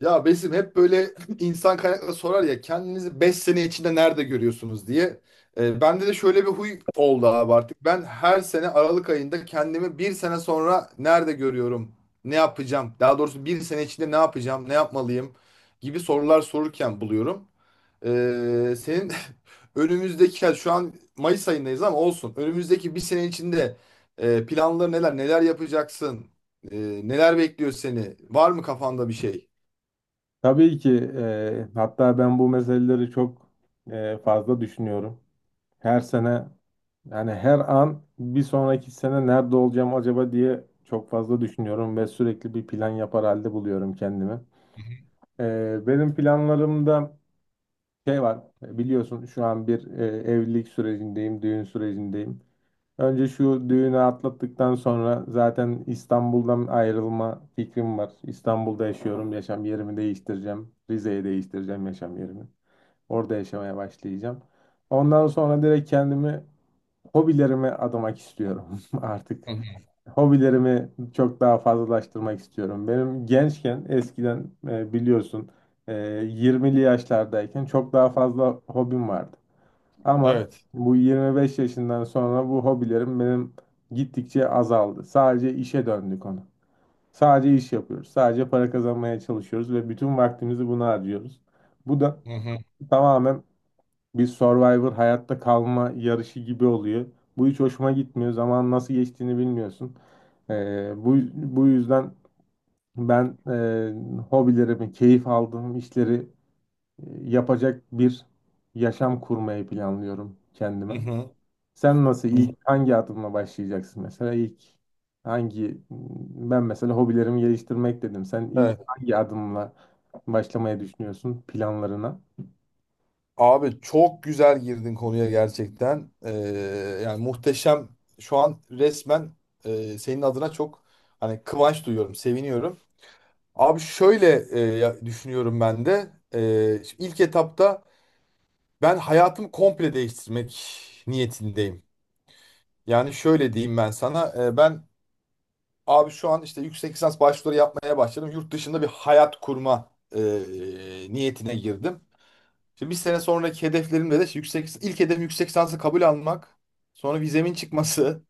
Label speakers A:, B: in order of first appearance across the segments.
A: Ya Besim hep böyle insan kaynakları sorar ya kendinizi 5 sene içinde nerede görüyorsunuz diye. Bende de şöyle bir huy oldu abi artık. Ben her sene Aralık ayında kendimi bir sene sonra nerede görüyorum, ne yapacağım, daha doğrusu bir sene içinde ne yapacağım, ne yapmalıyım gibi sorular sorurken buluyorum. Senin önümüzdeki, yani şu an Mayıs ayındayız ama olsun. Önümüzdeki bir sene içinde planları neler, neler yapacaksın, e, neler bekliyor seni, var mı kafanda bir şey?
B: Tabii ki hatta ben bu meseleleri çok fazla düşünüyorum. Her sene yani her an bir sonraki sene nerede olacağım acaba diye çok fazla düşünüyorum ve sürekli bir plan yapar halde buluyorum kendimi. Benim planlarımda şey var biliyorsun şu an bir evlilik sürecindeyim, düğün sürecindeyim. Önce şu düğünü atlattıktan sonra zaten İstanbul'dan ayrılma fikrim var. İstanbul'da yaşıyorum, yaşam yerimi değiştireceğim. Rize'ye değiştireceğim yaşam yerimi. Orada yaşamaya başlayacağım. Ondan sonra direkt kendimi hobilerime adamak istiyorum artık.
A: Hı hı.
B: Hobilerimi çok daha fazlalaştırmak istiyorum. Benim gençken eskiden biliyorsun e, 20'li yaşlardayken çok daha fazla hobim vardı. Ama
A: Evet.
B: bu 25 yaşından sonra bu hobilerim benim gittikçe azaldı. Sadece işe döndü konu. Sadece iş yapıyoruz. Sadece para kazanmaya çalışıyoruz ve bütün vaktimizi buna harcıyoruz. Bu da
A: Hı hı.
B: tamamen bir Survivor hayatta kalma yarışı gibi oluyor. Bu hiç hoşuma gitmiyor. Zaman nasıl geçtiğini bilmiyorsun. Bu yüzden ben hobilerimi, keyif aldığım işleri e, yapacak bir yaşam kurmayı planlıyorum
A: Hı
B: kendime.
A: hı.
B: Sen nasıl
A: Hı.
B: ilk hangi adımla başlayacaksın, mesela ilk hangi, ben mesela hobilerimi geliştirmek dedim. Sen ilk
A: Evet.
B: hangi adımla başlamayı düşünüyorsun planlarına?
A: Abi çok güzel girdin konuya gerçekten. Yani muhteşem. Şu an resmen senin adına çok hani kıvanç duyuyorum, seviniyorum. Abi şöyle düşünüyorum ben de. Şimdi ilk etapta ben hayatımı komple değiştirmek niyetindeyim. Yani şöyle diyeyim ben sana. Ben abi şu an işte yüksek lisans başvuruları yapmaya başladım. Yurt dışında bir hayat kurma niyetine girdim. Şimdi bir sene sonraki hedeflerimde de yüksek ilk hedefim yüksek lisansı kabul almak. Sonra vizemin çıkması.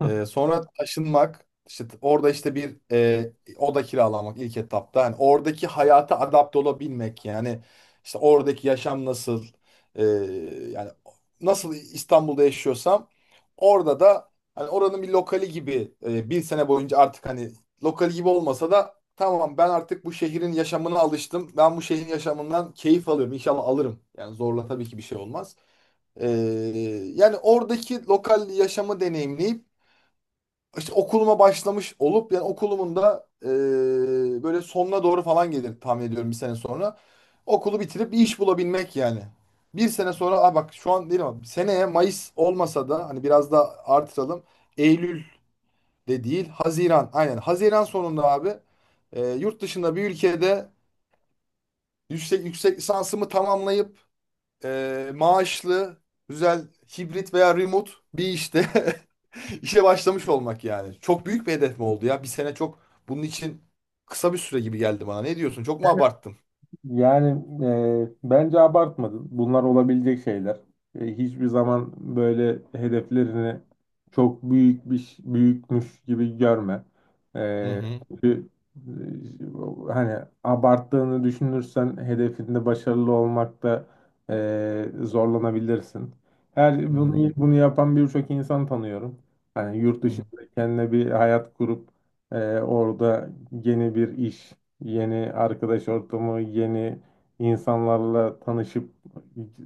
A: Sonra taşınmak, işte orada işte bir oda kiralamak ilk etapta. Yani oradaki hayata adapte olabilmek yani işte oradaki yaşam nasıl e, yani nasıl İstanbul'da yaşıyorsam orada da hani oranın bir lokali gibi bir sene boyunca artık hani lokali gibi olmasa da tamam ben artık bu şehrin yaşamına alıştım. Ben bu şehrin yaşamından keyif alıyorum. İnşallah alırım. Yani zorla tabii ki bir şey olmaz. Ee, Yani oradaki lokal yaşamı deneyimleyip işte okuluma başlamış olup yani okulumun da böyle sonuna doğru falan gelir tahmin ediyorum bir sene sonra. Okulu bitirip bir iş bulabilmek yani. Bir sene sonra aa bak şu an değil ama seneye Mayıs olmasa da hani biraz da artıralım. Eylül de değil Haziran aynen Haziran sonunda abi yurt dışında bir ülkede yüksek lisansımı tamamlayıp maaşlı, güzel, hibrit veya remote bir işte işe başlamış olmak yani. Çok büyük bir hedef mi oldu ya? Bir sene çok bunun için kısa bir süre gibi geldi bana. Ne diyorsun? Çok mu abarttım?
B: Yani bence abartmadın. Bunlar olabilecek şeyler. Hiçbir zaman böyle hedeflerini çok büyük büyükmüş gibi görme.
A: Hı
B: E,
A: hı.
B: çünkü, Hani abarttığını düşünürsen hedefinde başarılı olmakta zorlanabilirsin.
A: Hı
B: Her
A: hı.
B: bunu yapan birçok insan tanıyorum. Hani yurt
A: Hı hı.
B: dışında kendine bir hayat kurup orada yeni bir iş. Yeni arkadaş ortamı, yeni insanlarla tanışıp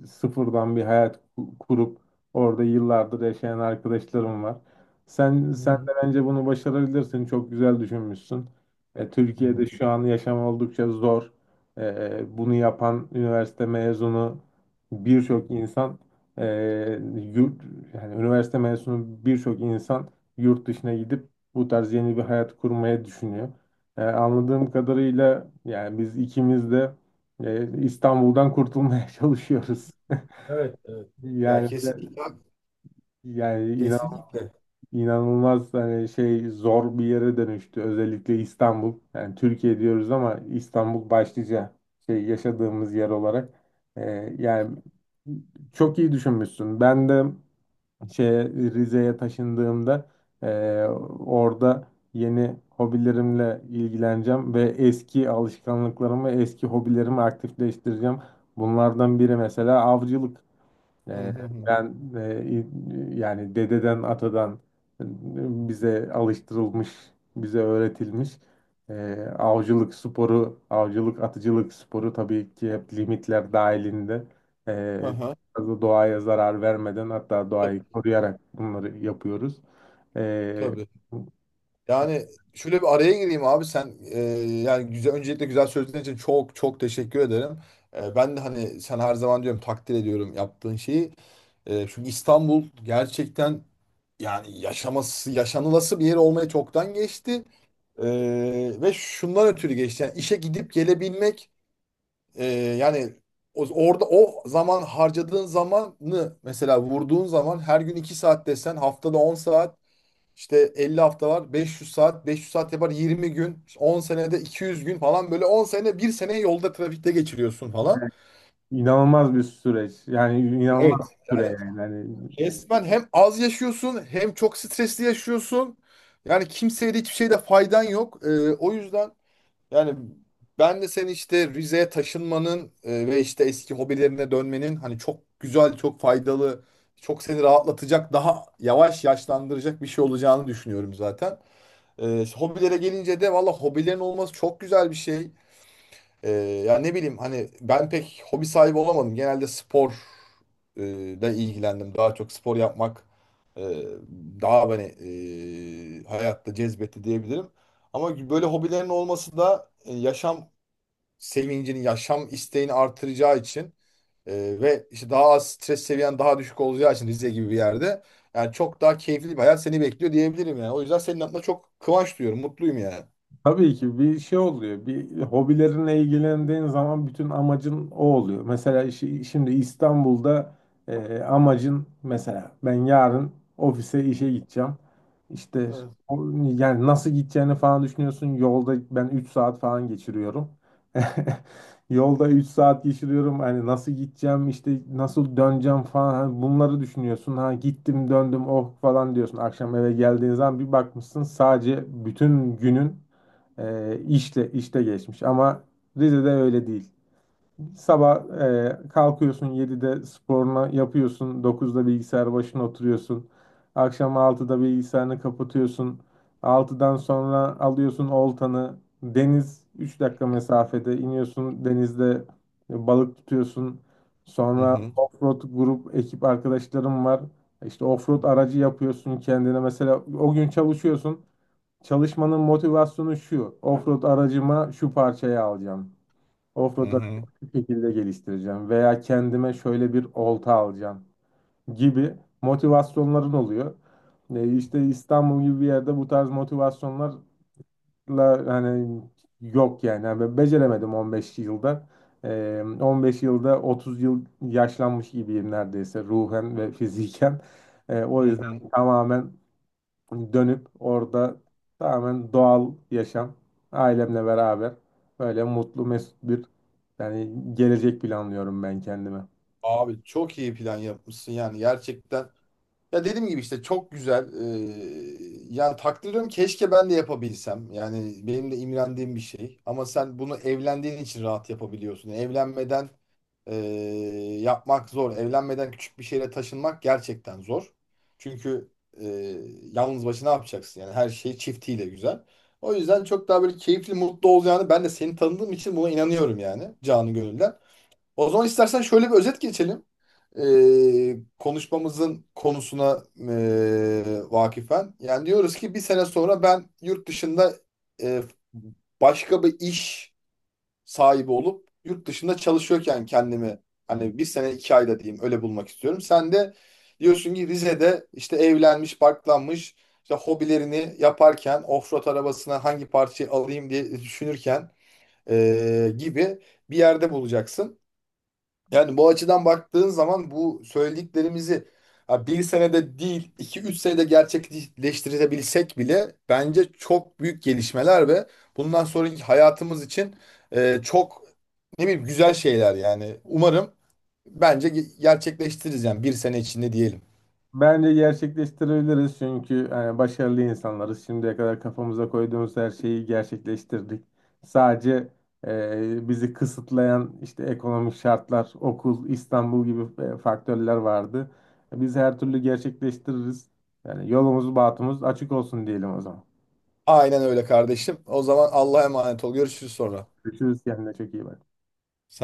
B: sıfırdan bir hayat kurup orada yıllardır yaşayan arkadaşlarım var. Sen
A: Hı
B: sen
A: hı.
B: de bence bunu başarabilirsin. Çok güzel düşünmüşsün.
A: Hı hı.
B: Türkiye'de şu an yaşam oldukça zor. Bunu yapan üniversite mezunu birçok insan e, yurt yani üniversite mezunu birçok insan yurt dışına gidip bu tarz yeni bir hayat kurmaya düşünüyor. Anladığım kadarıyla yani biz ikimiz de İstanbul'dan kurtulmaya çalışıyoruz.
A: Evet, evet. Ya
B: Yani
A: kesinlikle.
B: inan,
A: Kesinlikle.
B: inanılmaz hani şey zor bir yere dönüştü özellikle İstanbul. Yani Türkiye diyoruz ama İstanbul başlıca şey yaşadığımız yer olarak. E, Yani çok iyi düşünmüşsün. Ben de şeye Rize'ye taşındığımda eee, orada yeni hobilerimle ilgileneceğim ve eski alışkanlıklarımı, eski hobilerimi aktifleştireceğim. Bunlardan biri mesela avcılık.
A: Hı
B: Ee,
A: hı.
B: Ben yani dededen atadan bize alıştırılmış, bize öğretilmiş e, avcılık sporu, avcılık atıcılık sporu tabii ki hep limitler dahilinde e,
A: Hı hı.
B: fazla doğaya zarar vermeden hatta
A: Hı hı.
B: doğayı koruyarak bunları yapıyoruz. E,
A: Tabii. Yani şöyle bir araya gireyim abi sen yani güzel öncelikle güzel sözlerin için çok çok teşekkür ederim. Ben de hani sen her zaman diyorum takdir ediyorum yaptığın şeyi. Çünkü İstanbul gerçekten yani yaşaması yaşanılası bir yer olmaya çoktan geçti. E, Ve şundan ötürü geçti. Yani işe gidip gelebilmek e, yani orada o zaman harcadığın zamanı mesela vurduğun zaman her gün 2 saat desen haftada 10 saat işte 50 hafta var. 500 saat. 500 saat yapar 20 gün. İşte 10 senede 200 gün falan böyle 10 sene bir sene yolda trafikte geçiriyorsun falan.
B: İnanılmaz bir süreç. Yani inanılmaz
A: Evet.
B: bir süre
A: Yani
B: yani. Yani
A: resmen hem az yaşıyorsun hem çok stresli yaşıyorsun. Yani kimseye de hiçbir şeyde faydan yok. O yüzden yani ben de seni işte Rize'ye taşınmanın ve işte eski hobilerine dönmenin hani çok güzel, çok faydalı, çok seni rahatlatacak, daha yavaş yaşlandıracak bir şey olacağını düşünüyorum zaten. Hobilere gelince de valla hobilerin olması çok güzel bir şey. Ee, Ya ne bileyim hani ben pek hobi sahibi olamadım. Genelde spor e, da ilgilendim. Daha çok spor yapmak e, daha beni hayatta cezbetti diyebilirim. Ama böyle hobilerin olması da yaşam sevincini, yaşam isteğini artıracağı için ve işte daha az stres seviyen daha düşük olacağı için Rize gibi bir yerde yani çok daha keyifli bir hayat seni bekliyor diyebilirim yani. O yüzden senin adına çok kıvanç duyuyorum, mutluyum yani.
B: tabii ki bir şey oluyor. Bir hobilerinle ilgilendiğin zaman bütün amacın o oluyor. Mesela şimdi İstanbul'da amacın mesela ben yarın ofise işe gideceğim. İşte
A: Evet.
B: o- yani nasıl gideceğini falan düşünüyorsun. Yolda ben 3 saat falan geçiriyorum. Yolda 3 saat geçiriyorum. Hani nasıl gideceğim, işte nasıl döneceğim falan. Hani bunları düşünüyorsun. Ha gittim, döndüm, oh falan diyorsun. Akşam eve geldiğin zaman bir bakmışsın sadece bütün günün işle işte geçmiş ama Rize'de öyle değil. Sabah kalkıyorsun 7'de sporunu yapıyorsun, 9'da bilgisayar başına oturuyorsun. Akşam 6'da bilgisayarını kapatıyorsun. 6'dan sonra alıyorsun oltanı. Deniz 3 dakika mesafede iniyorsun, denizde balık tutuyorsun.
A: Hı
B: Sonra
A: hı,
B: offroad grup ekip arkadaşlarım var. İşte offroad aracı yapıyorsun kendine. Mesela o gün çalışıyorsun. Çalışmanın motivasyonu şu. Offroad aracıma şu parçayı alacağım.
A: hı
B: Offroad
A: hı,
B: aracımı şu şekilde geliştireceğim. Veya kendime şöyle bir olta alacağım gibi motivasyonların oluyor. İşte İstanbul gibi bir yerde bu tarz motivasyonlarla hani yok yani. Yani ben beceremedim 15 yılda. 15 yılda 30 yıl yaşlanmış gibiyim neredeyse ruhen ve fiziken. O
A: hı hı.
B: yüzden tamamen dönüp orada tamamen doğal yaşam, ailemle beraber böyle mutlu mesut bir yani gelecek planlıyorum ben kendime.
A: Abi çok iyi plan yapmışsın yani gerçekten. Ya dediğim gibi işte çok güzel. Yani takdir ediyorum keşke ben de yapabilsem. Yani benim de imrendiğim bir şey. Ama sen bunu evlendiğin için rahat yapabiliyorsun. Evlenmeden yapmak zor. Evlenmeden küçük bir şehre taşınmak gerçekten zor. Çünkü eee, yalnız başına ne yapacaksın? Yani her şey çiftiyle güzel. O yüzden çok daha böyle keyifli, mutlu olacağını ben de seni tanıdığım için buna inanıyorum yani canı gönülden. O zaman istersen şöyle bir özet geçelim. Konuşmamızın konusuna vakifen. Yani diyoruz ki bir sene sonra ben yurt dışında ee, başka bir iş sahibi olup yurt dışında çalışıyorken kendimi hani bir sene 2 ayda diyeyim öyle bulmak istiyorum. Sen de diyorsun ki Rize'de işte evlenmiş, barklanmış işte hobilerini yaparken offroad arabasına hangi parçayı alayım diye düşünürken gibi bir yerde bulacaksın. Yani bu açıdan baktığın zaman bu söylediklerimizi ha, bir senede değil 2-3 senede gerçekleştirebilsek bile bence çok büyük gelişmeler ve bundan sonraki hayatımız için çok ne bileyim güzel şeyler yani. Umarım bence gerçekleştiririz yani bir sene içinde diyelim.
B: Bence gerçekleştirebiliriz çünkü hani başarılı insanlarız. Şimdiye kadar kafamıza koyduğumuz her şeyi gerçekleştirdik. Sadece bizi kısıtlayan işte ekonomik şartlar, okul, İstanbul gibi faktörler vardı. Biz her türlü gerçekleştiririz. Yani yolumuz, bahtımız açık olsun diyelim o zaman.
A: Aynen öyle kardeşim. O zaman Allah'a emanet ol. Görüşürüz sonra.
B: Görüşürüz, kendine çok iyi bak.